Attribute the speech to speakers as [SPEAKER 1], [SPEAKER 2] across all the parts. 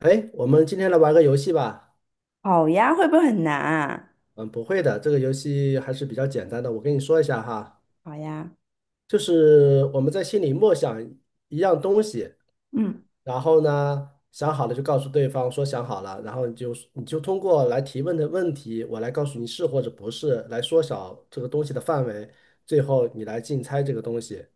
[SPEAKER 1] 哎，我们今天来玩个游戏吧。
[SPEAKER 2] 好呀，会不会很难啊？
[SPEAKER 1] 嗯，不会的，这个游戏还是比较简单的。我跟你说一下哈，
[SPEAKER 2] 好呀，
[SPEAKER 1] 就是我们在心里默想一样东西，
[SPEAKER 2] 嗯，
[SPEAKER 1] 然后呢，想好了就告诉对方说想好了，然后你就通过来提问的问题，我来告诉你是或者不是，来缩小这个东西的范围，最后你来竞猜这个东西，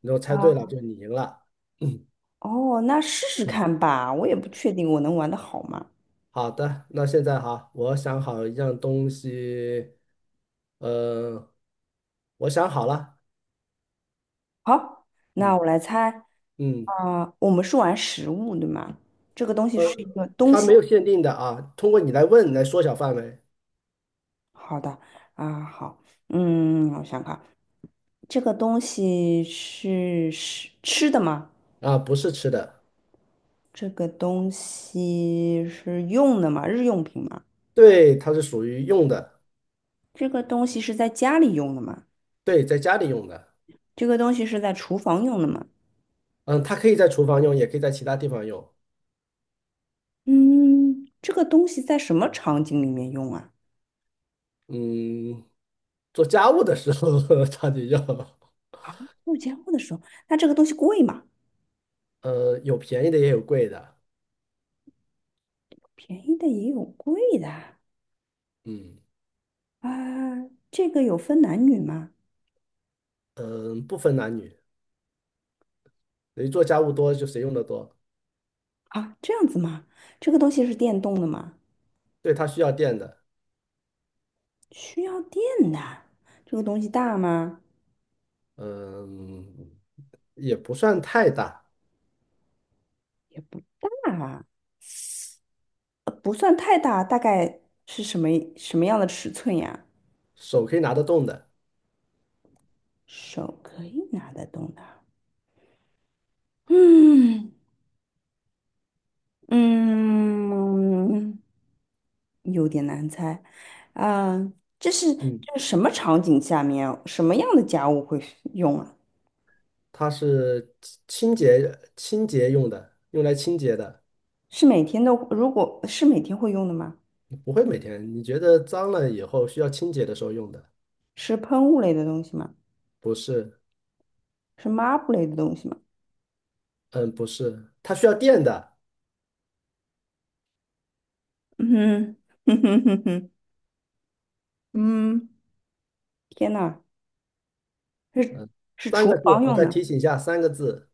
[SPEAKER 1] 你如果猜对了
[SPEAKER 2] 好，
[SPEAKER 1] 就你赢了。
[SPEAKER 2] 哦，那试试看吧，我也不确定我能玩得好吗？
[SPEAKER 1] 好的，那现在哈，我想好一样东西，呃，我想好了，
[SPEAKER 2] 好，那
[SPEAKER 1] 嗯
[SPEAKER 2] 我来猜，
[SPEAKER 1] 嗯，
[SPEAKER 2] 我们是玩食物对吗？这个东西
[SPEAKER 1] 呃，
[SPEAKER 2] 是一个东
[SPEAKER 1] 它没
[SPEAKER 2] 西。
[SPEAKER 1] 有限定的啊，通过你来问来缩小范围
[SPEAKER 2] 好的，好，嗯，我想看，这个东西是吃的吗？
[SPEAKER 1] 啊，不是吃的，
[SPEAKER 2] 这个东西是用的吗？日用品吗？
[SPEAKER 1] 对，它是属于用的，
[SPEAKER 2] 这个东西是在家里用的吗？
[SPEAKER 1] 对，在家里用的，
[SPEAKER 2] 这个东西是在厨房用的吗？
[SPEAKER 1] 嗯，它可以在厨房用，也可以在其他地方用，
[SPEAKER 2] 嗯，这个东西在什么场景里面用啊？
[SPEAKER 1] 嗯，做家务的时候 它就用，
[SPEAKER 2] 物交的时候，那这个东西贵吗？
[SPEAKER 1] 有便宜的也有贵的，
[SPEAKER 2] 便宜的也有贵的啊，
[SPEAKER 1] 嗯
[SPEAKER 2] 啊，这个有分男女吗？
[SPEAKER 1] 嗯，不分男女，谁做家务多就谁用的多，
[SPEAKER 2] 啊，这样子吗？这个东西是电动的吗？
[SPEAKER 1] 对，它需要电的。
[SPEAKER 2] 需要电的。这个东西大吗？
[SPEAKER 1] 嗯，也不算太大，
[SPEAKER 2] 也不大啊，不算太大，大概是什么样的尺寸呀？
[SPEAKER 1] 手可以拿得动的。
[SPEAKER 2] 手可以拿得动的。嗯嗯。有点难猜，啊、这是
[SPEAKER 1] 嗯，
[SPEAKER 2] 这是什么场景下面，什么样的家务会用啊？
[SPEAKER 1] 它是清洁用的，用来清洁的，
[SPEAKER 2] 是每天都，如果是每天会用的吗？
[SPEAKER 1] 不会每天。你觉得脏了以后需要清洁的时候用的？
[SPEAKER 2] 是喷雾类的东西吗？
[SPEAKER 1] 不是，
[SPEAKER 2] 是抹布类的东西吗？
[SPEAKER 1] 嗯，不是，它需要电的。
[SPEAKER 2] 嗯哼哼哼哼，嗯，天呐，是是
[SPEAKER 1] 三个
[SPEAKER 2] 厨
[SPEAKER 1] 字，
[SPEAKER 2] 房
[SPEAKER 1] 我
[SPEAKER 2] 用
[SPEAKER 1] 再
[SPEAKER 2] 的，
[SPEAKER 1] 提醒一下，三个字。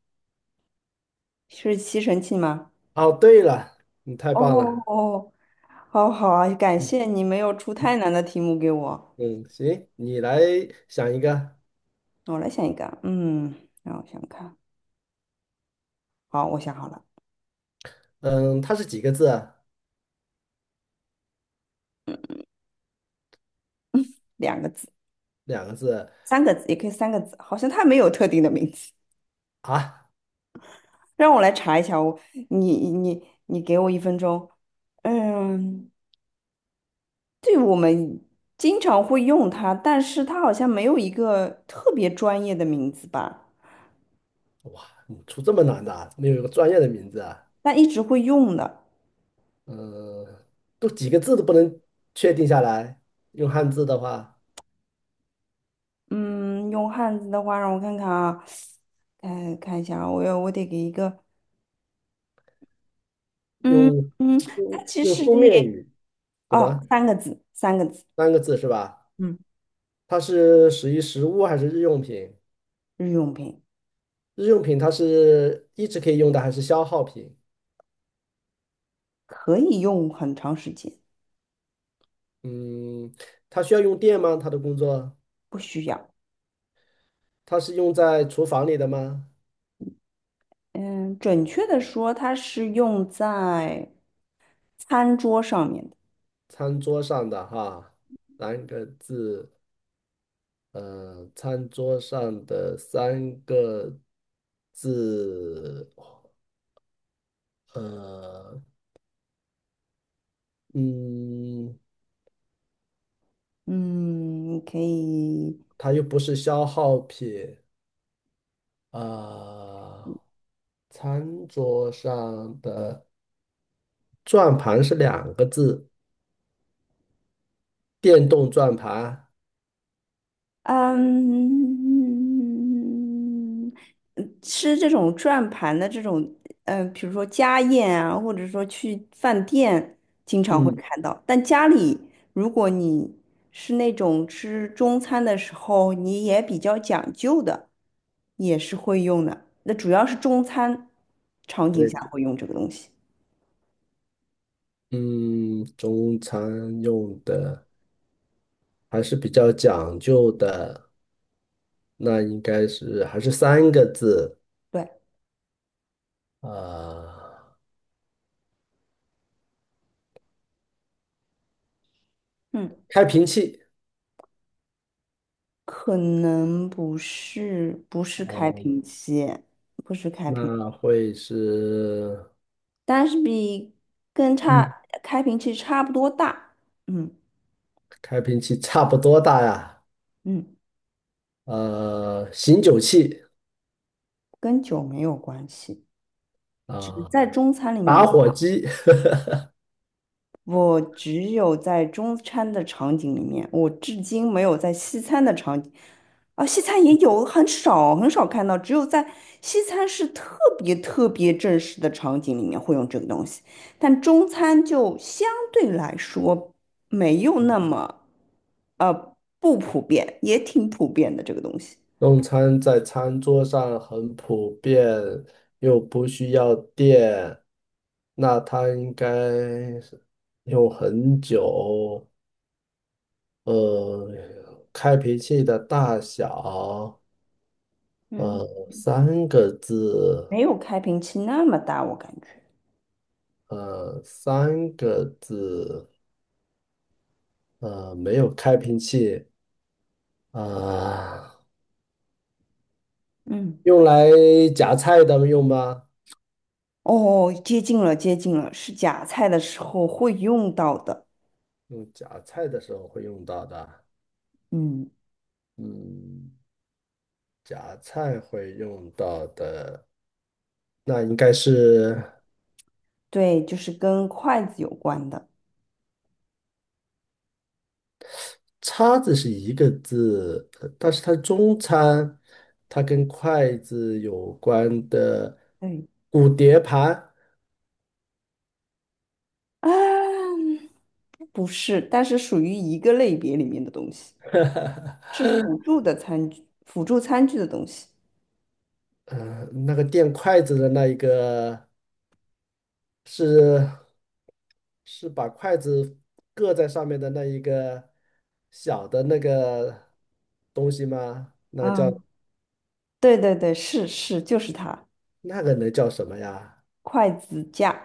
[SPEAKER 2] 是吸尘器吗？
[SPEAKER 1] 哦，对了，你太
[SPEAKER 2] 哦
[SPEAKER 1] 棒了。
[SPEAKER 2] 哦，好好啊，感
[SPEAKER 1] 嗯
[SPEAKER 2] 谢你没有出太难的题目给我。
[SPEAKER 1] 嗯，行，你来想一个。
[SPEAKER 2] 我来想一个，嗯，让我想看，好，我想好了，
[SPEAKER 1] 嗯，它是几个字啊
[SPEAKER 2] 两个字。
[SPEAKER 1] 两个字
[SPEAKER 2] 三个字，也可以三个字，好像它没有特定的名字。
[SPEAKER 1] 啊？啊
[SPEAKER 2] 让我来查一下，我你给我一分钟。嗯，对，我们经常会用它，但是它好像没有一个特别专业的名字吧，
[SPEAKER 1] 嗯出这么难的啊？没有一个专业的名字啊？
[SPEAKER 2] 但一直会用的。
[SPEAKER 1] 呃，都几个字都不能确定下来。用汉字的话，
[SPEAKER 2] 嗯，用汉字的话，让我看看啊，看看一下啊，我得给一个，嗯
[SPEAKER 1] 用
[SPEAKER 2] 嗯，它
[SPEAKER 1] 书
[SPEAKER 2] 其
[SPEAKER 1] 用
[SPEAKER 2] 实
[SPEAKER 1] 书面
[SPEAKER 2] 也
[SPEAKER 1] 语，什么
[SPEAKER 2] 哦，三个字，三个字，
[SPEAKER 1] 三个字是吧？
[SPEAKER 2] 嗯，
[SPEAKER 1] 它是属于食物还是日用品？
[SPEAKER 2] 日用品
[SPEAKER 1] 日用品它是一直可以用的还是消耗品？
[SPEAKER 2] 可以用很长时间，
[SPEAKER 1] 嗯，它需要用电吗？它的工作，
[SPEAKER 2] 不需要。
[SPEAKER 1] 它是用在厨房里的吗？
[SPEAKER 2] 嗯，准确的说，它是用在餐桌上面的。
[SPEAKER 1] 餐桌上的哈，三个字，餐桌上的三个字。呃，嗯，
[SPEAKER 2] 嗯，你可以，
[SPEAKER 1] 它又不是消耗品，啊，餐桌上的转盘是两个字，电动转盘，
[SPEAKER 2] 嗯，嗯吃这种转盘的这种，比如说家宴啊，或者说去饭店经常会
[SPEAKER 1] 嗯，
[SPEAKER 2] 看到。但家里，如果你是那种吃中餐的时候，你也比较讲究的，也是会用的。那主要是中餐场景下
[SPEAKER 1] 对，
[SPEAKER 2] 会用这个东西。
[SPEAKER 1] 嗯，中餐用的还是比较讲究的，那应该是还是三个字，
[SPEAKER 2] 对，
[SPEAKER 1] 啊，
[SPEAKER 2] 嗯，
[SPEAKER 1] 开瓶器，
[SPEAKER 2] 可能不是开瓶器，
[SPEAKER 1] 那会是，
[SPEAKER 2] 但是跟
[SPEAKER 1] 嗯，
[SPEAKER 2] 差开瓶器差不多大。嗯
[SPEAKER 1] 开瓶器差不多大呀。
[SPEAKER 2] 嗯，
[SPEAKER 1] 醒酒器
[SPEAKER 2] 跟酒没有关系，只是
[SPEAKER 1] 啊，
[SPEAKER 2] 在中餐里
[SPEAKER 1] 打
[SPEAKER 2] 面。
[SPEAKER 1] 火机，
[SPEAKER 2] 我只有在中餐的场景里面，我至今没有在西餐的场景，啊，西餐也有，很少看到，只有在西餐是特别正式的场景里面会用这个东西，但中餐就相对来说没有那么，不普遍，也挺普遍的这个东西，
[SPEAKER 1] 用餐在餐桌上很普遍，又不需要电，那它应该是用很久。呃，开瓶器的大小，
[SPEAKER 2] 嗯
[SPEAKER 1] 呃，三个字，
[SPEAKER 2] 没有开瓶器那么大，我感觉。
[SPEAKER 1] 三个字，没有开瓶器，啊、
[SPEAKER 2] 嗯
[SPEAKER 1] 用来夹菜的用吗？
[SPEAKER 2] 哦，接近了，接近了，是夹菜的时候会用到的。
[SPEAKER 1] 用夹菜的时候会用到的，
[SPEAKER 2] 嗯，
[SPEAKER 1] 嗯，夹菜会用到的，那应该是
[SPEAKER 2] 对，就是跟筷子有关的。
[SPEAKER 1] 叉子是一个字，呃但是它中餐，它跟筷子有关的
[SPEAKER 2] 对，
[SPEAKER 1] 骨碟盘，
[SPEAKER 2] 啊，不是，但是属于一个类别里面的东西，是辅助的餐具，辅助餐具的东西。
[SPEAKER 1] 嗯，那个垫筷子的那一个是是把筷子搁在上面的那一个小的那个东西吗？那个叫
[SPEAKER 2] 啊，对对对，是是，就是它，
[SPEAKER 1] 那个能叫什么呀？
[SPEAKER 2] 筷子架、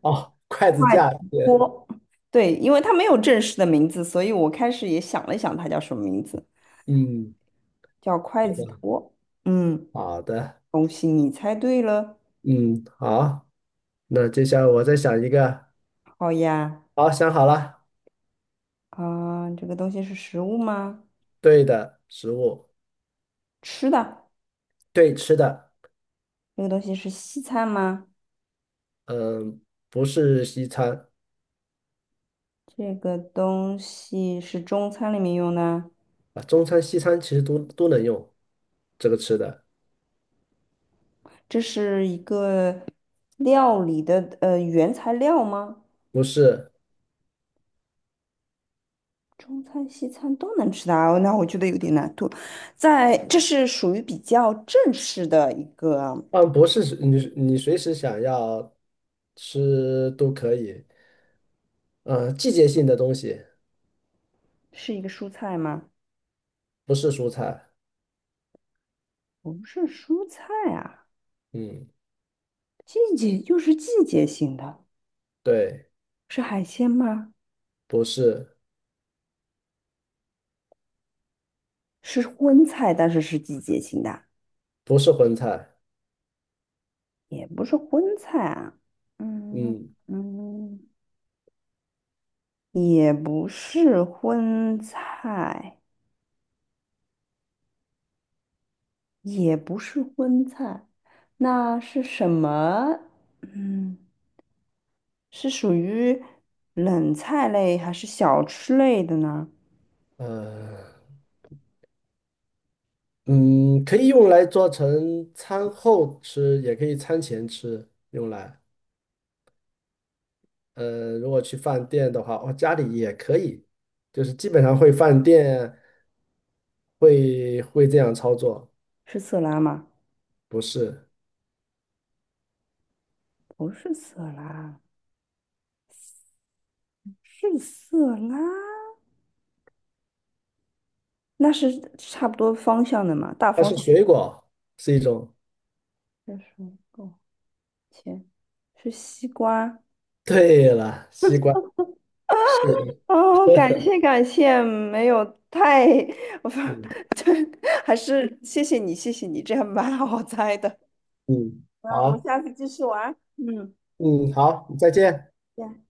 [SPEAKER 1] 哦，筷子
[SPEAKER 2] 筷子
[SPEAKER 1] 架，对，
[SPEAKER 2] 锅。对，因为它没有正式的名字，所以我开始也想了想，它叫什么名字，
[SPEAKER 1] 嗯，
[SPEAKER 2] 叫筷子托。嗯，
[SPEAKER 1] 好的，
[SPEAKER 2] 恭喜你猜对了。
[SPEAKER 1] 嗯，好，那接下来我再想一个，
[SPEAKER 2] 好呀，
[SPEAKER 1] 好，想好了，
[SPEAKER 2] 啊，这个东西是食物吗？
[SPEAKER 1] 对的，食物，
[SPEAKER 2] 吃的。
[SPEAKER 1] 对，吃的，
[SPEAKER 2] 这个东西是西餐吗？
[SPEAKER 1] 嗯，不是西餐
[SPEAKER 2] 这个东西是中餐里面用的？
[SPEAKER 1] 啊，中餐、西餐其实都能用这个吃的，
[SPEAKER 2] 这是一个料理的原材料吗？
[SPEAKER 1] 不是，
[SPEAKER 2] 中餐、西餐都能吃的啊，那我觉得有点难度。在，这是属于比较正式的一个，
[SPEAKER 1] 嗯，不是你你随时想要吃都可以，嗯，季节性的东西，
[SPEAKER 2] 是一个蔬菜吗？
[SPEAKER 1] 不是蔬菜，
[SPEAKER 2] 不是蔬菜啊，
[SPEAKER 1] 嗯，
[SPEAKER 2] 季节就是季节性的，
[SPEAKER 1] 对，
[SPEAKER 2] 是海鲜吗？
[SPEAKER 1] 不是，
[SPEAKER 2] 是荤菜，但是是季节性的，
[SPEAKER 1] 不是荤菜，
[SPEAKER 2] 也不是荤菜啊。嗯
[SPEAKER 1] 嗯，
[SPEAKER 2] 嗯，也不是荤菜，也不是荤菜，那是什么？嗯，是属于冷菜类还是小吃类的呢？
[SPEAKER 1] 呃。嗯，可以用来做成餐后吃，也可以餐前吃，用来。如果去饭店的话，哦，家里也可以，就是基本上会饭店会这样操作，
[SPEAKER 2] 是色拉吗？
[SPEAKER 1] 不是，
[SPEAKER 2] 不是色拉，是色拉，那是差不多方向的嘛，大
[SPEAKER 1] 它
[SPEAKER 2] 方
[SPEAKER 1] 是
[SPEAKER 2] 向。
[SPEAKER 1] 水果，是一种。
[SPEAKER 2] 这是个切，是西瓜，
[SPEAKER 1] 对了，西瓜，是的，
[SPEAKER 2] 哦，感谢感谢，没有太，我
[SPEAKER 1] 嗯
[SPEAKER 2] 对，还是谢谢你，谢谢你，这样蛮好猜的。
[SPEAKER 1] 嗯，
[SPEAKER 2] 那我们
[SPEAKER 1] 好，
[SPEAKER 2] 下次继续玩嗯，
[SPEAKER 1] 嗯好，再见。
[SPEAKER 2] 行。